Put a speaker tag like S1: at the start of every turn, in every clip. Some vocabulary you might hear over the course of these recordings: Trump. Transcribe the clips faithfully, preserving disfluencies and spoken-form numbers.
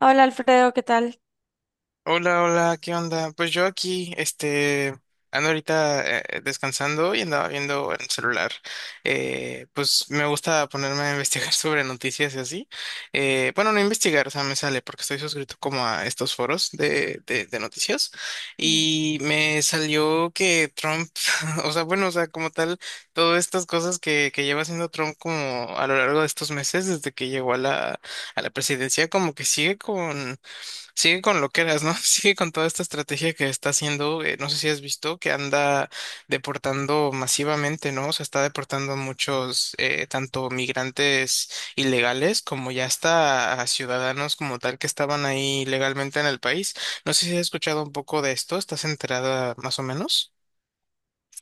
S1: Hola Alfredo, ¿qué tal?
S2: Hola, hola, ¿qué onda? Pues yo aquí, este, ando ahorita eh, eh, descansando y andaba viendo en el celular. Eh, pues me gusta ponerme a investigar sobre noticias y así. Eh, bueno, no investigar, o sea, me sale porque estoy suscrito como a estos foros de, de, de noticias y me salió que Trump, o sea, bueno, o sea, como tal, todas estas cosas que, que lleva haciendo Trump como a lo largo de estos meses desde que llegó a la, a la presidencia, como que sigue con Sigue con lo que eras, ¿no? Sigue con toda esta estrategia que está haciendo, eh, no sé si has visto, que anda deportando masivamente, ¿no? O sea, está deportando a muchos, eh, tanto migrantes ilegales como ya hasta a ciudadanos como tal que estaban ahí legalmente en el país. No sé si has escuchado un poco de esto, ¿estás enterada más o menos?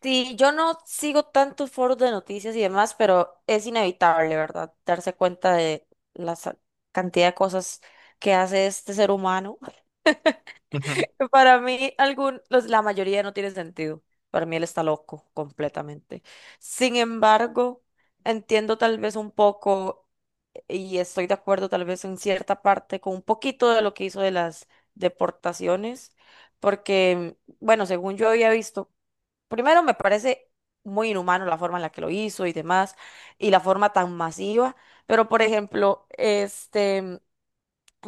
S1: Sí, yo no sigo tantos foros de noticias y demás, pero es inevitable, ¿verdad? Darse cuenta de la sa- cantidad de cosas que hace este ser humano.
S2: Ujú.
S1: Para mí, algún, los- la mayoría no tiene sentido. Para mí él está loco completamente. Sin embargo, entiendo tal vez un poco y estoy de acuerdo tal vez en cierta parte con un poquito de lo que hizo de las deportaciones, porque, bueno, según yo había visto. Primero, me parece muy inhumano la forma en la que lo hizo y demás, y la forma tan masiva. Pero, por ejemplo, este, mm,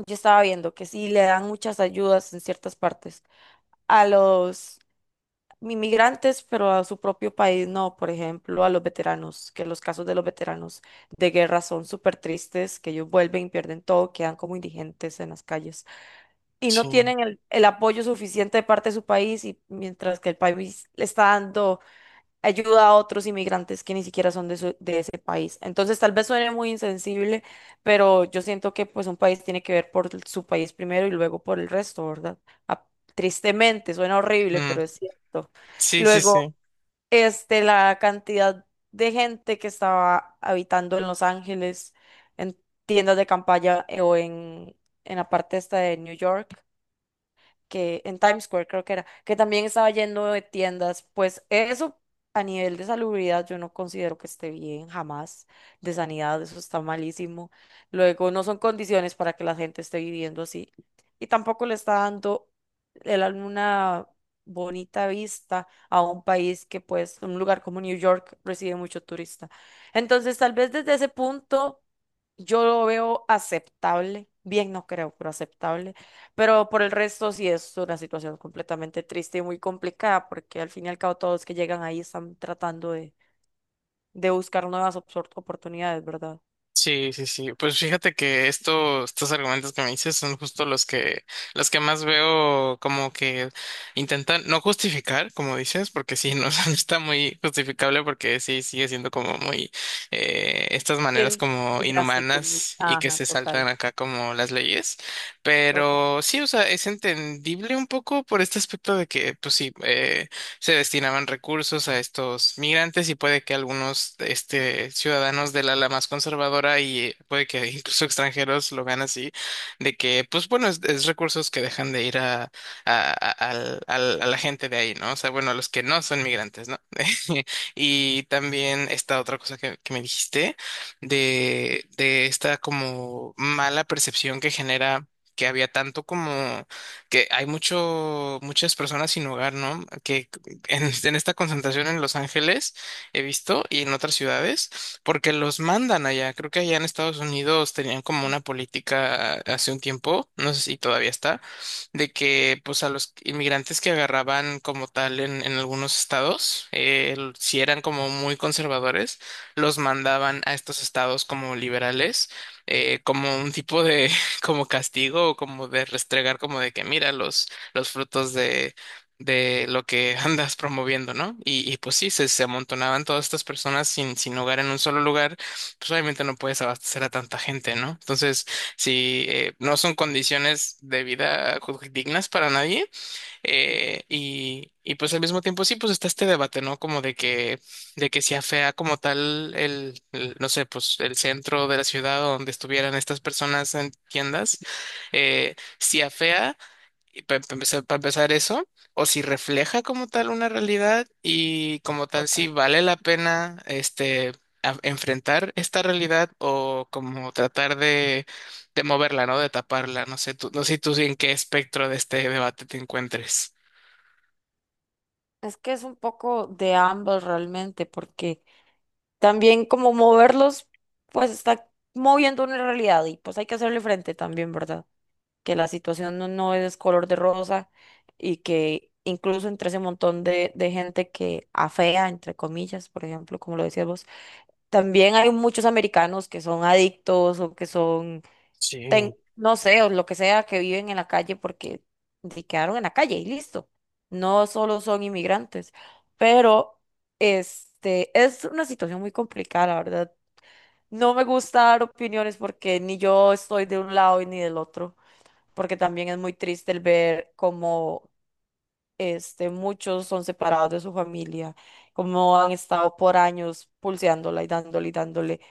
S1: yo estaba viendo que sí le dan muchas ayudas en ciertas partes a los inmigrantes, pero a su propio país no. Por ejemplo, a los veteranos, que los casos de los veteranos de guerra son súper tristes, que ellos vuelven, pierden todo, quedan como indigentes en las calles y no
S2: Sí.
S1: tienen el, el apoyo suficiente de parte de su país, y mientras que el país le está dando ayuda a otros inmigrantes que ni siquiera son de, su- de ese país. Entonces, tal vez suene muy insensible, pero yo siento que pues un país tiene que ver por su país primero y luego por el resto, ¿verdad? Ah, tristemente, suena horrible,
S2: Mm.
S1: pero es cierto.
S2: Sí, sí,
S1: Luego,
S2: sí.
S1: este, la cantidad de gente que estaba habitando en Los Ángeles, en tiendas de campaña eh, o en, en la parte esta de New York que en Times Square creo que era, que también estaba lleno de tiendas, pues eso a nivel de salubridad yo no considero que esté bien jamás, de sanidad eso está malísimo. Luego no son condiciones para que la gente esté viviendo así y tampoco le está dando el- una bonita vista a un país que pues un lugar como New York recibe mucho turista. Entonces tal vez desde ese punto yo lo veo aceptable, bien no creo, pero aceptable. Pero por el resto sí es una situación completamente triste y muy complicada porque al fin y al cabo todos que llegan ahí están tratando de, de buscar nuevas opsor- oportunidades, ¿verdad?
S2: Sí, sí, sí. Pues fíjate que esto, estos argumentos que me dices son justo los que, los que más veo como que intentan no justificar, como dices, porque sí, no, no está muy justificable porque sí sigue siendo como muy eh, estas
S1: Sí, es
S2: maneras como
S1: muy drástico, muy-
S2: inhumanas y que
S1: ajá,
S2: se saltan
S1: total,
S2: acá como las leyes.
S1: total,
S2: Pero sí, o sea, es entendible un poco por este aspecto de que, pues sí, eh, se destinaban recursos a estos migrantes y puede que algunos este, ciudadanos del ala más conservadora y eh, puede que incluso extranjeros lo vean así, de que, pues bueno, es, es recursos que dejan de ir a, a, a- al- al- a la gente de ahí, ¿no? O sea, bueno, los que no son migrantes, ¿no? Y también esta otra cosa que, que me dijiste, de, de esta como mala percepción que genera, que había tanto como que hay mucho, muchas personas sin hogar, ¿no? Que en, en esta concentración en Los Ángeles, he visto, y en otras ciudades, porque los mandan allá. Creo que allá en Estados Unidos tenían como una política hace un tiempo, no sé si todavía está, de que pues a los inmigrantes que agarraban como tal en, en algunos estados, eh, el- si eran como muy conservadores, los mandaban a estos estados como liberales, eh, como un tipo de como castigo o como de restregar como de que mira los, los frutos de... de lo que andas promoviendo, ¿no? Y, y pues sí, se, se amontonaban todas estas personas sin, sin hogar en un solo lugar, pues obviamente no puedes abastecer a tanta gente, ¿no? Entonces, sí, eh, no son condiciones de vida ju- dignas para nadie. eh, y, y pues al mismo tiempo sí, pues está este debate, ¿no? Como de que, de que sea fea como tal el, el, no sé, pues el centro de la ciudad donde estuvieran estas personas en tiendas, eh, si afea para empezar, pa empezar eso, o si refleja como tal una realidad y como tal si
S1: total.
S2: vale la pena este a- enfrentar esta realidad o como tratar de, de moverla, ¿no? De taparla. No sé tú, no sé tú en qué espectro de este debate te encuentres.
S1: Es que es un poco de ambos realmente porque también como moverlos, pues está moviendo una realidad y pues hay que hacerle frente también, ¿verdad? Que la situación no, no es color de rosa y que incluso entre ese montón de, de gente que afea, entre comillas, por ejemplo, como lo decías vos, también hay muchos americanos que son adictos o que son, ten-
S2: Sí,
S1: no sé, o lo que sea, que viven en la calle porque se quedaron en la calle y listo. No solo son inmigrantes, pero este es una situación muy complicada, la verdad. No me gusta dar opiniones porque ni yo estoy de un lado y ni del otro porque también es muy triste el ver cómo este, muchos son separados de su familia, cómo han estado por años pulseándola y dándole y dándole,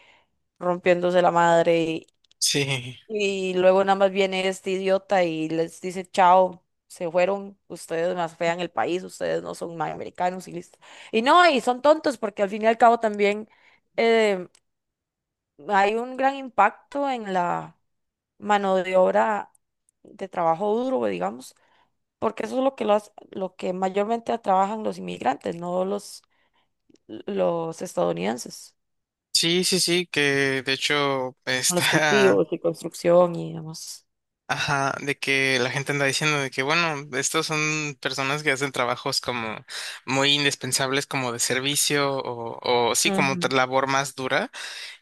S1: rompiéndose la madre y,
S2: sí,
S1: y luego nada más viene este idiota y les dice chao. Se fueron, ustedes más fean el país, ustedes no son más americanos y listo. Y no, y son tontos porque al fin y al cabo también eh, hay un gran impacto en la mano de obra de trabajo duro, digamos. Porque eso es lo que, lo, hace- lo que mayormente trabajan los inmigrantes, no los, los estadounidenses,
S2: sí, sí, sí, que de hecho
S1: con los
S2: está
S1: cultivos y construcción y demás.
S2: ajá, de que la gente anda diciendo de que, bueno, estos son personas que hacen trabajos como muy indispensables, como de servicio o, o sí, como
S1: Ujú.
S2: otra labor más dura.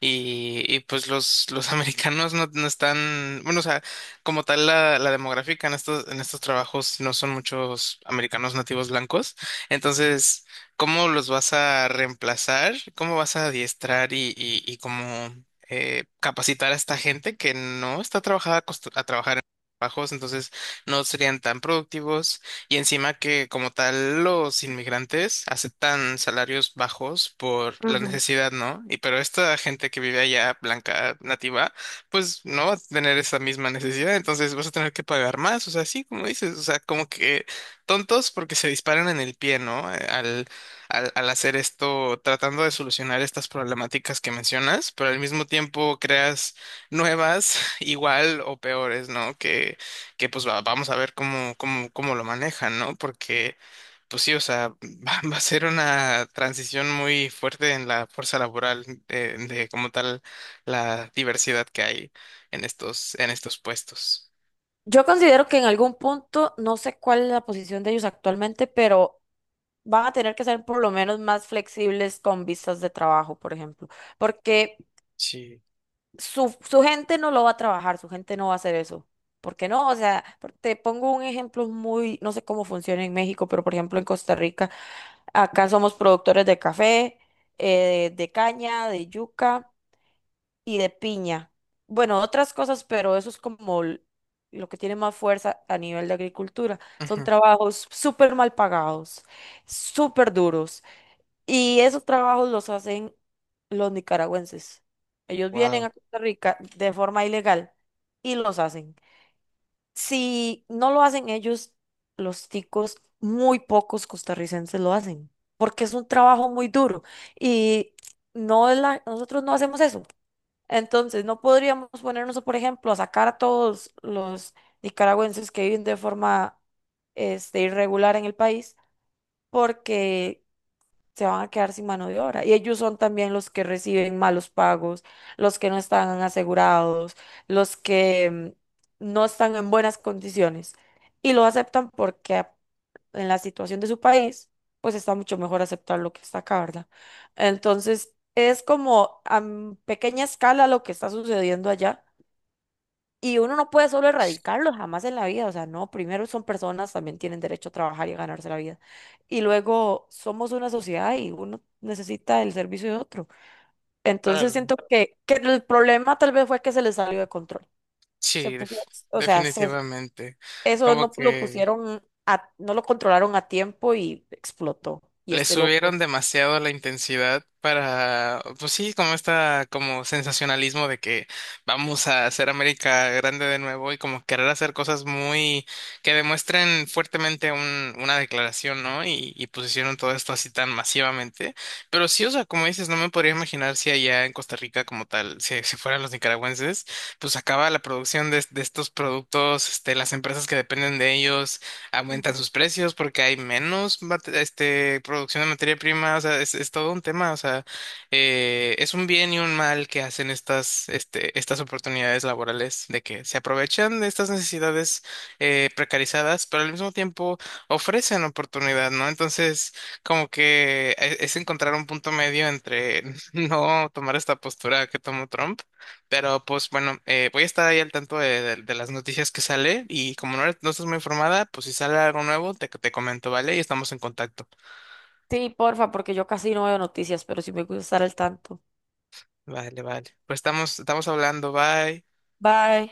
S2: Y, y pues los, los americanos no, no están, bueno, o sea, como tal la, la demográfica en estos, en estos trabajos no son muchos americanos nativos blancos. Entonces, ¿cómo los vas a reemplazar? ¿Cómo vas a adiestrar y, y, y cómo... eh, capacitar a esta gente que no está trabajada acostu- a trabajar bajos, entonces no serían tan productivos y encima que como tal los inmigrantes aceptan salarios bajos por la
S1: Ujú.
S2: necesidad, ¿no? Y pero esta gente que vive allá, blanca, nativa, pues no va a tener esa misma necesidad, entonces vas a tener que pagar más, o sea, sí, como dices, o sea, como que tontos porque se disparan en el pie, ¿no? Eh, Al, al, al hacer esto, tratando de solucionar estas problemáticas que mencionas, pero al mismo tiempo creas nuevas, igual o peores, ¿no? Que, que pues va- vamos a ver cómo, cómo, cómo lo manejan, ¿no? Porque, pues sí, o sea, va, va a ser una transición muy fuerte en la fuerza laboral de, de como tal la diversidad que hay en estos, en estos puestos.
S1: Yo considero que en algún punto, no sé cuál es la posición de ellos actualmente, pero van a tener que ser por lo menos más flexibles con visas de trabajo, por ejemplo, porque
S2: Sí.
S1: su, su gente no lo va a trabajar, su gente no va a hacer eso. ¿Por qué no? O sea, por- te pongo un ejemplo muy, no sé cómo funciona en México, pero por ejemplo en Costa Rica, acá somos productores de café, eh, de caña, de yuca y de piña. Bueno, otras cosas, pero eso es como l- lo que tiene más fuerza a nivel de agricultura. Son trabajos súper mal pagados, súper duros. Y esos trabajos los hacen los nicaragüenses. Ellos vienen
S2: Wow.
S1: a Costa Rica de forma ilegal y los hacen. Si no lo hacen ellos, los ticos, muy pocos costarricenses lo hacen, porque es un trabajo muy duro y no es la- nosotros no hacemos eso. Entonces, no podríamos ponernos, por ejemplo, a sacar a todos los nicaragüenses que viven de forma este, irregular en el país, porque se van a quedar sin mano de obra. Y ellos son también los que reciben malos pagos, los que no están asegurados, los que mm, no están en buenas condiciones. Y lo aceptan porque a- en la situación de su país, pues está mucho mejor aceptar lo que está acá, ¿verdad? Entonces, es como a m- pequeña escala lo que está sucediendo allá, y uno no puede solo erradicarlos jamás en la vida, o sea, no, primero son personas, también tienen derecho a trabajar y a ganarse la vida. Y luego somos una sociedad y uno necesita el servicio de otro. Entonces
S2: Claro.
S1: siento que, que el problema tal vez fue que se les salió de control. Se
S2: Sí,
S1: puso-
S2: def-
S1: o sea, se-
S2: definitivamente.
S1: Eso
S2: Como
S1: no lo
S2: que
S1: pusieron a, no lo controlaron a tiempo y explotó. Y
S2: le
S1: este loco.
S2: subieron demasiado la intensidad para, pues sí, como esta, como sensacionalismo de que vamos a hacer América grande de nuevo y como querer hacer cosas muy que demuestren fuertemente un, una declaración, ¿no? Y, y pues hicieron todo esto así tan masivamente. Pero sí, o sea, como dices, no me podría imaginar si allá en Costa Rica como tal, si, si fueran los nicaragüenses, pues acaba la producción de, de estos productos, este, las empresas que dependen de ellos aumentan
S1: Ujú.
S2: sus precios porque hay menos mate- este, producción de materia prima, o sea, es, es todo un tema, o sea, eh, es un bien y un mal que hacen estas, este, estas oportunidades laborales, de que se aprovechan de estas necesidades eh, precarizadas, pero al mismo tiempo ofrecen oportunidad, ¿no? Entonces, como que e- es encontrar un punto medio entre no tomar esta postura que tomó Trump, pero pues bueno, eh, voy a estar ahí al tanto de, de- de las noticias que sale y como no, eres- no estás muy informada, pues si sale algo nuevo, te, te comento, ¿vale? Y estamos en contacto.
S1: Sí, porfa, porque yo casi no veo noticias, pero sí me gusta estar al tanto.
S2: Vale, vale. Pues estamos, estamos hablando, bye.
S1: Bye.